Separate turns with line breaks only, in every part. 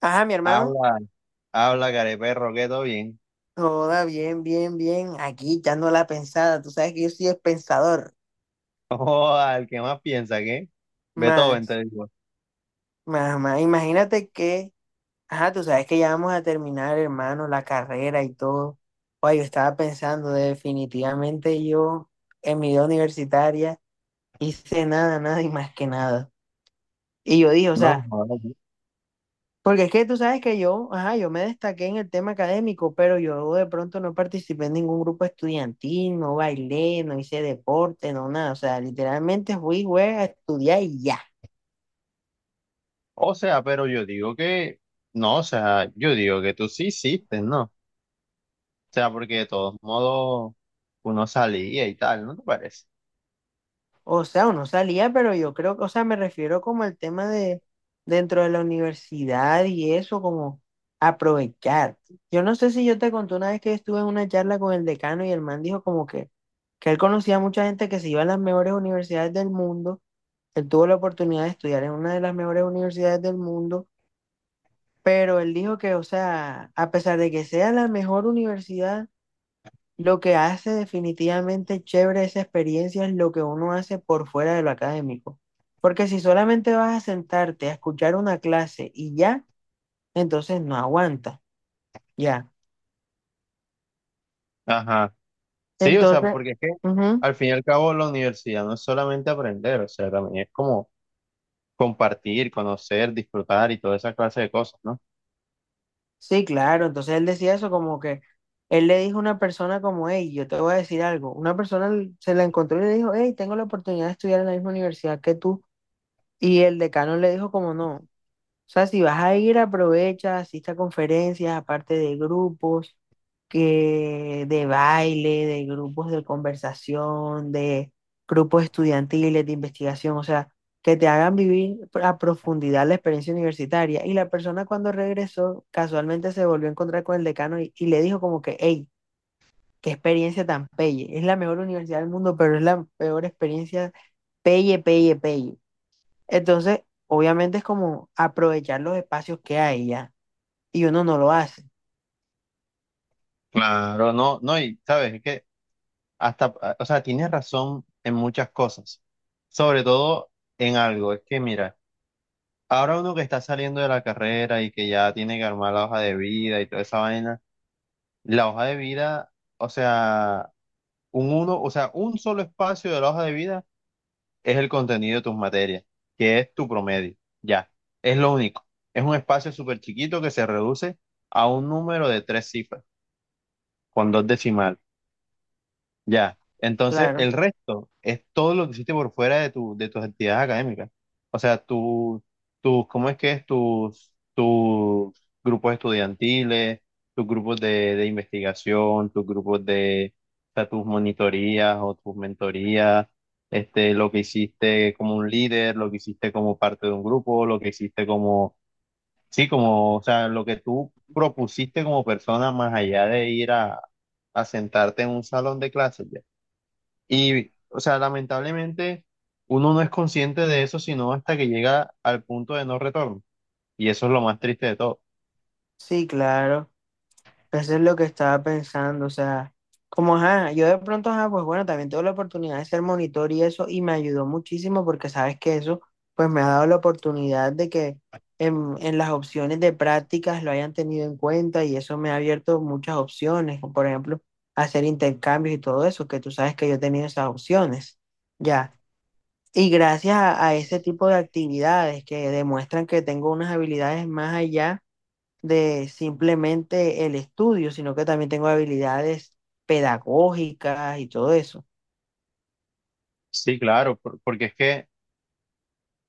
Ajá, mi hermano.
Habla, habla, careperro, que todo bien.
Toda bien. Aquí echando la pensada. Tú sabes que yo soy pensador.
O al que más piensa, ¿qué? Beethoven,
Más,
te digo.
más. Imagínate que, ajá, tú sabes que ya vamos a terminar, hermano, la carrera y todo. Oye, yo estaba pensando, definitivamente yo en mi vida universitaria hice nada, nada y más que nada. Y yo dije, o
No,
sea.
joder.
Porque es que tú sabes que yo, ajá, yo me destaqué en el tema académico, pero yo de pronto no participé en ningún grupo estudiantil, no bailé, no hice deporte, no nada. O sea, literalmente fui, güey, a estudiar y ya.
O sea, pero yo digo que, no, o sea, yo digo que tú sí hiciste, ¿no? O sea, porque de todos modos uno salía y tal, ¿no te parece?
O sea, uno salía, pero yo creo que, o sea, me refiero como al tema de dentro de la universidad y eso, como aprovechar. Yo no sé si yo te conté una vez que estuve en una charla con el decano y el man dijo como que él conocía a mucha gente que se iba a las mejores universidades del mundo. Él tuvo la oportunidad de estudiar en una de las mejores universidades del mundo, pero él dijo que, o sea, a pesar de que sea la mejor universidad, lo que hace definitivamente chévere esa experiencia es lo que uno hace por fuera de lo académico. Porque si solamente vas a sentarte a escuchar una clase y ya, entonces no aguanta, ya.
Ajá. Sí, o sea,
Entonces,
porque es que
ujú.
al fin y al cabo la universidad no es solamente aprender, o sea, también es como compartir, conocer, disfrutar y toda esa clase de cosas, ¿no?
Sí, claro. Entonces él decía eso como que él le dijo a una persona como, hey, yo te voy a decir algo. Una persona se la encontró y le dijo, hey, tengo la oportunidad de estudiar en la misma universidad que tú. Y el decano le dijo como, no. O sea, si vas a ir, aprovecha, asiste a conferencias, aparte de grupos, que de baile, de grupos de conversación, de grupos estudiantiles, de investigación, o sea, que te hagan vivir a profundidad la experiencia universitaria. Y la persona cuando regresó, casualmente se volvió a encontrar con el decano y le dijo como que, hey, qué experiencia tan pelle. Es la mejor universidad del mundo, pero es la peor experiencia pelle. Entonces, obviamente es como aprovechar los espacios que hay ya. Y uno no lo hace,
Claro, no, y sabes, es que hasta, o sea, tienes razón en muchas cosas, sobre todo en algo. Es que mira, ahora uno que está saliendo de la carrera y que ya tiene que armar la hoja de vida y toda esa vaina, la hoja de vida, o sea, un uno, o sea, un solo espacio de la hoja de vida es el contenido de tus materias, que es tu promedio. Ya, es lo único. Es un espacio súper chiquito que se reduce a un número de tres cifras, con dos decimales. Ya. Entonces,
claro.
el resto es todo lo que hiciste por fuera de de tus actividades académicas. O sea, tu, ¿cómo es que es? Tus grupos estudiantiles, tus grupos de investigación, tus grupos de, o sea, tus monitorías o tus mentorías, este, lo que hiciste como un líder, lo que hiciste como parte de un grupo, lo que hiciste como, sí, como, o sea, lo que tú propusiste como persona más allá de ir a sentarte en un salón de clases. Ya. Y, o sea, lamentablemente uno no es consciente de eso sino hasta que llega al punto de no retorno. Y eso es lo más triste de todo.
Sí, claro. Eso es lo que estaba pensando. O sea, como, ajá, yo de pronto, ajá, pues bueno, también tuve la oportunidad de ser monitor y eso, y me ayudó muchísimo porque sabes que eso, pues me ha dado la oportunidad de que en las opciones de prácticas lo hayan tenido en cuenta y eso me ha abierto muchas opciones, como por ejemplo, hacer intercambios y todo eso, que tú sabes que yo he tenido esas opciones. Ya. Y gracias a ese tipo de actividades que demuestran que tengo unas habilidades más allá de simplemente el estudio, sino que también tengo habilidades pedagógicas y todo eso.
Sí, claro, porque es que,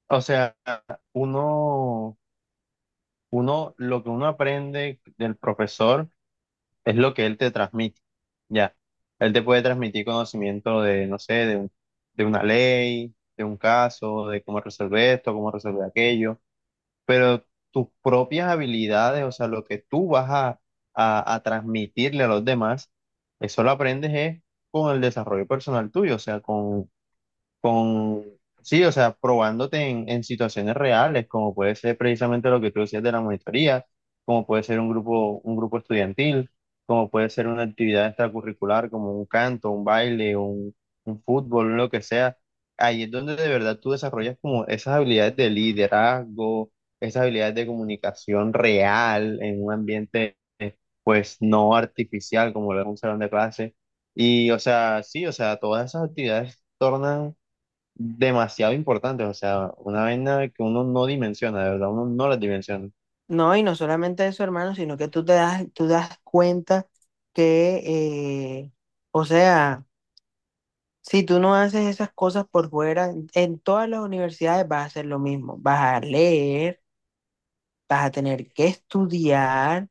o sea, uno, uno, lo que uno aprende del profesor es lo que él te transmite. Ya, él te puede transmitir conocimiento de, no sé, de una ley, de un caso, de cómo resolver esto, cómo resolver aquello, pero tus propias habilidades, o sea, lo que tú vas a, a transmitirle a los demás, eso lo aprendes es con el desarrollo personal tuyo, o sea, con, sí, o sea, probándote en situaciones reales, como puede ser precisamente lo que tú decías de la monitoría, como puede ser un grupo estudiantil, como puede ser una actividad extracurricular, como un canto, un baile, un fútbol, lo que sea. Ahí es donde de verdad tú desarrollas como esas habilidades de liderazgo, esas habilidades de comunicación real en un ambiente, pues, no artificial como lo es un salón de clase. Y, o sea, sí, o sea, todas esas actividades tornan demasiado importantes, o sea, una vaina que uno no dimensiona, de verdad, uno no las dimensiona.
No, y no solamente eso, hermano, sino que tú te das, tú das cuenta que, eh, o sea, si tú no haces esas cosas por fuera, en todas las universidades vas a hacer lo mismo, vas a leer, vas a tener que estudiar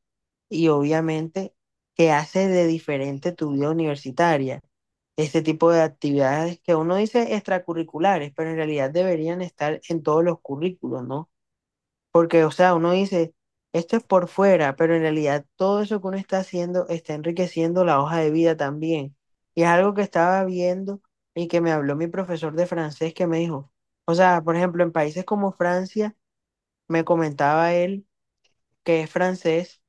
y obviamente que hace de diferente tu vida universitaria. Este tipo de actividades que uno dice extracurriculares, pero en realidad deberían estar en todos los currículos, ¿no? Porque, o sea, uno dice, esto es por fuera, pero en realidad todo eso que uno está haciendo está enriqueciendo la hoja de vida también. Y es algo que estaba viendo y que me habló mi profesor de francés que me dijo, o sea, por ejemplo, en países como Francia, me comentaba él que es francés,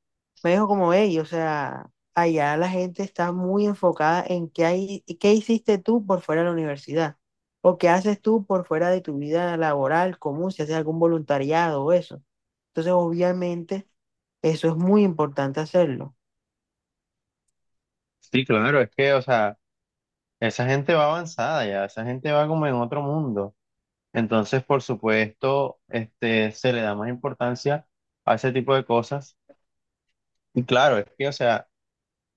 me dijo como, hey, o sea, allá la gente está muy enfocada en qué hay, qué hiciste tú por fuera de la universidad o qué haces tú por fuera de tu vida laboral común, si haces algún voluntariado o eso. Entonces, obviamente, eso es muy importante hacerlo.
Sí, claro, es que, o sea, esa gente va avanzada ya, esa gente va como en otro mundo. Entonces, por supuesto, este, se le da más importancia a ese tipo de cosas. Y claro, es que, o sea,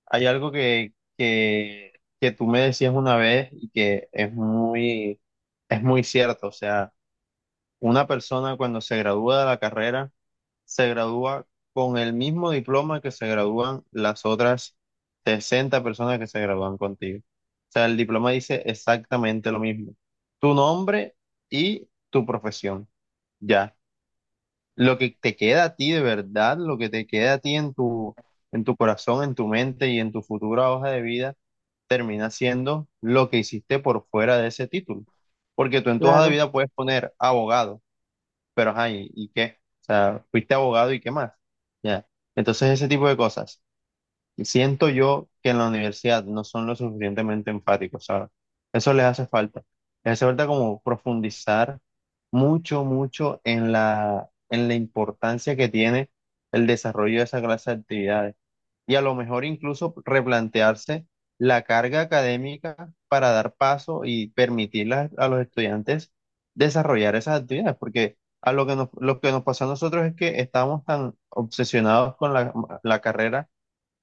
hay algo que, que tú me decías una vez y que es muy cierto, o sea, una persona cuando se gradúa de la carrera, se gradúa con el mismo diploma que se gradúan las otras 60 personas que se gradúan contigo. O sea, el diploma dice exactamente lo mismo. Tu nombre y tu profesión. Ya. Lo que te queda a ti de verdad, lo que te queda a ti en en tu corazón, en tu mente y en tu futura hoja de vida, termina siendo lo que hiciste por fuera de ese título. Porque tú en tu hoja de
Claro,
vida puedes poner abogado, pero ajá, y qué? O sea, fuiste abogado y qué más. Ya. Entonces, ese tipo de cosas. Siento yo que en la universidad no son lo suficientemente enfáticos, ¿sabes? Eso les hace falta. Les hace falta como profundizar mucho, mucho en en la importancia que tiene el desarrollo de esa clase de actividades y a lo mejor incluso replantearse la carga académica para dar paso y permitir a los estudiantes desarrollar esas actividades, porque a lo que lo que nos pasó a nosotros es que estábamos tan obsesionados con la carrera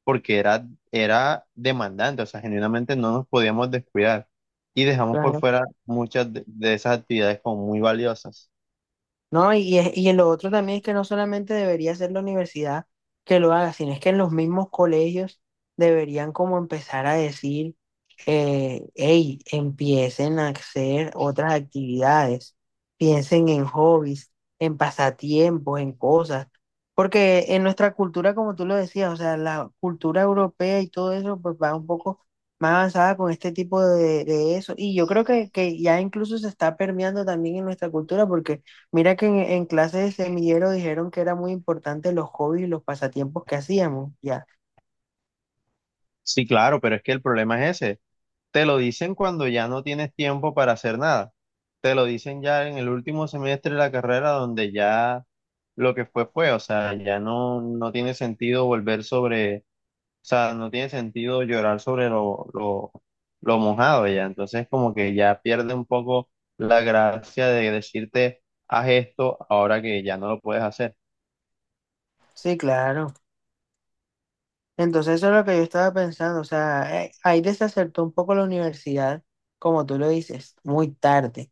porque era demandante, o sea, genuinamente no nos podíamos descuidar y dejamos por
claro.
fuera muchas de esas actividades como muy valiosas.
No, y, y lo otro también es que no solamente debería ser la universidad que lo haga, sino es que en los mismos colegios deberían como empezar a decir, hey, empiecen a hacer otras actividades, piensen en hobbies, en pasatiempos, en cosas, porque en nuestra cultura, como tú lo decías, o sea, la cultura europea y todo eso, pues va un poco más avanzada con este tipo de eso, y yo creo que ya incluso se está permeando también en nuestra cultura, porque mira que en clase de semillero dijeron que era muy importante los hobbies y los pasatiempos que hacíamos, ya.
Sí, claro, pero es que el problema es ese. Te lo dicen cuando ya no tienes tiempo para hacer nada. Te lo dicen ya en el último semestre de la carrera donde ya lo que fue fue, o sea, ya no tiene sentido volver sobre, o sea, no tiene sentido llorar sobre lo mojado ya. Entonces como que ya pierde un poco la gracia de decirte, haz esto ahora que ya no lo puedes hacer.
Sí, claro. Entonces eso es lo que yo estaba pensando, o sea, ahí desacertó un poco la universidad, como tú lo dices,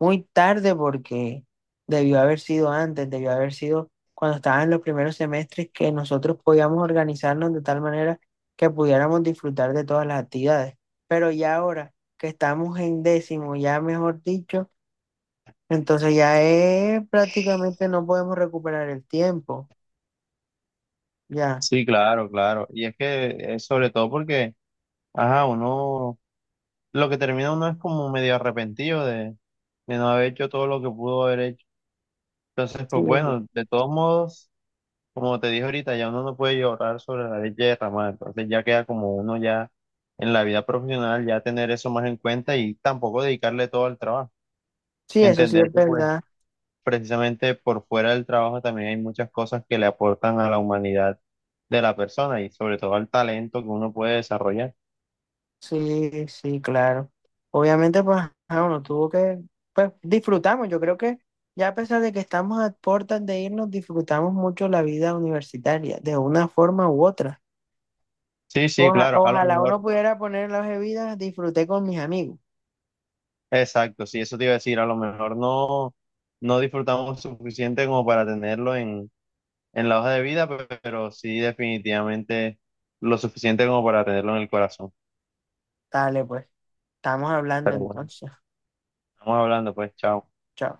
muy tarde porque debió haber sido antes, debió haber sido cuando estaban en los primeros semestres que nosotros podíamos organizarnos de tal manera que pudiéramos disfrutar de todas las actividades. Pero ya ahora que estamos en décimo, ya mejor dicho. Entonces ya es prácticamente no podemos recuperar el tiempo. Ya.
Sí, claro. Y es que es sobre todo porque, ajá, uno... lo que termina uno es como medio arrepentido de no haber hecho todo lo que pudo haber hecho. Entonces,
Sí,
pues bueno, de todos modos, como te dije ahorita, ya uno no puede llorar sobre la leche derramada. Entonces ya queda como uno ya en la vida profesional, ya tener eso más en cuenta y tampoco dedicarle todo al trabajo.
sí, eso sí
Entender
es
que pues
verdad.
precisamente por fuera del trabajo también hay muchas cosas que le aportan a la humanidad de la persona y sobre todo al talento que uno puede desarrollar.
Sí, claro. Obviamente, pues, ajá, uno tuvo que, pues, disfrutamos. Yo creo que ya a pesar de que estamos a puertas de irnos, disfrutamos mucho la vida universitaria, de una forma u otra.
Sí, sí, claro. A lo
Ojalá
mejor
uno pudiera poner las bebidas, disfruté con mis amigos.
exacto, sí, eso te iba a decir, a lo mejor no, no disfrutamos suficiente como para tenerlo en la hoja de vida, pero sí definitivamente lo suficiente como para tenerlo en el corazón.
Dale, pues, estamos hablando entonces.
Estamos hablando, pues, chao.
Chao.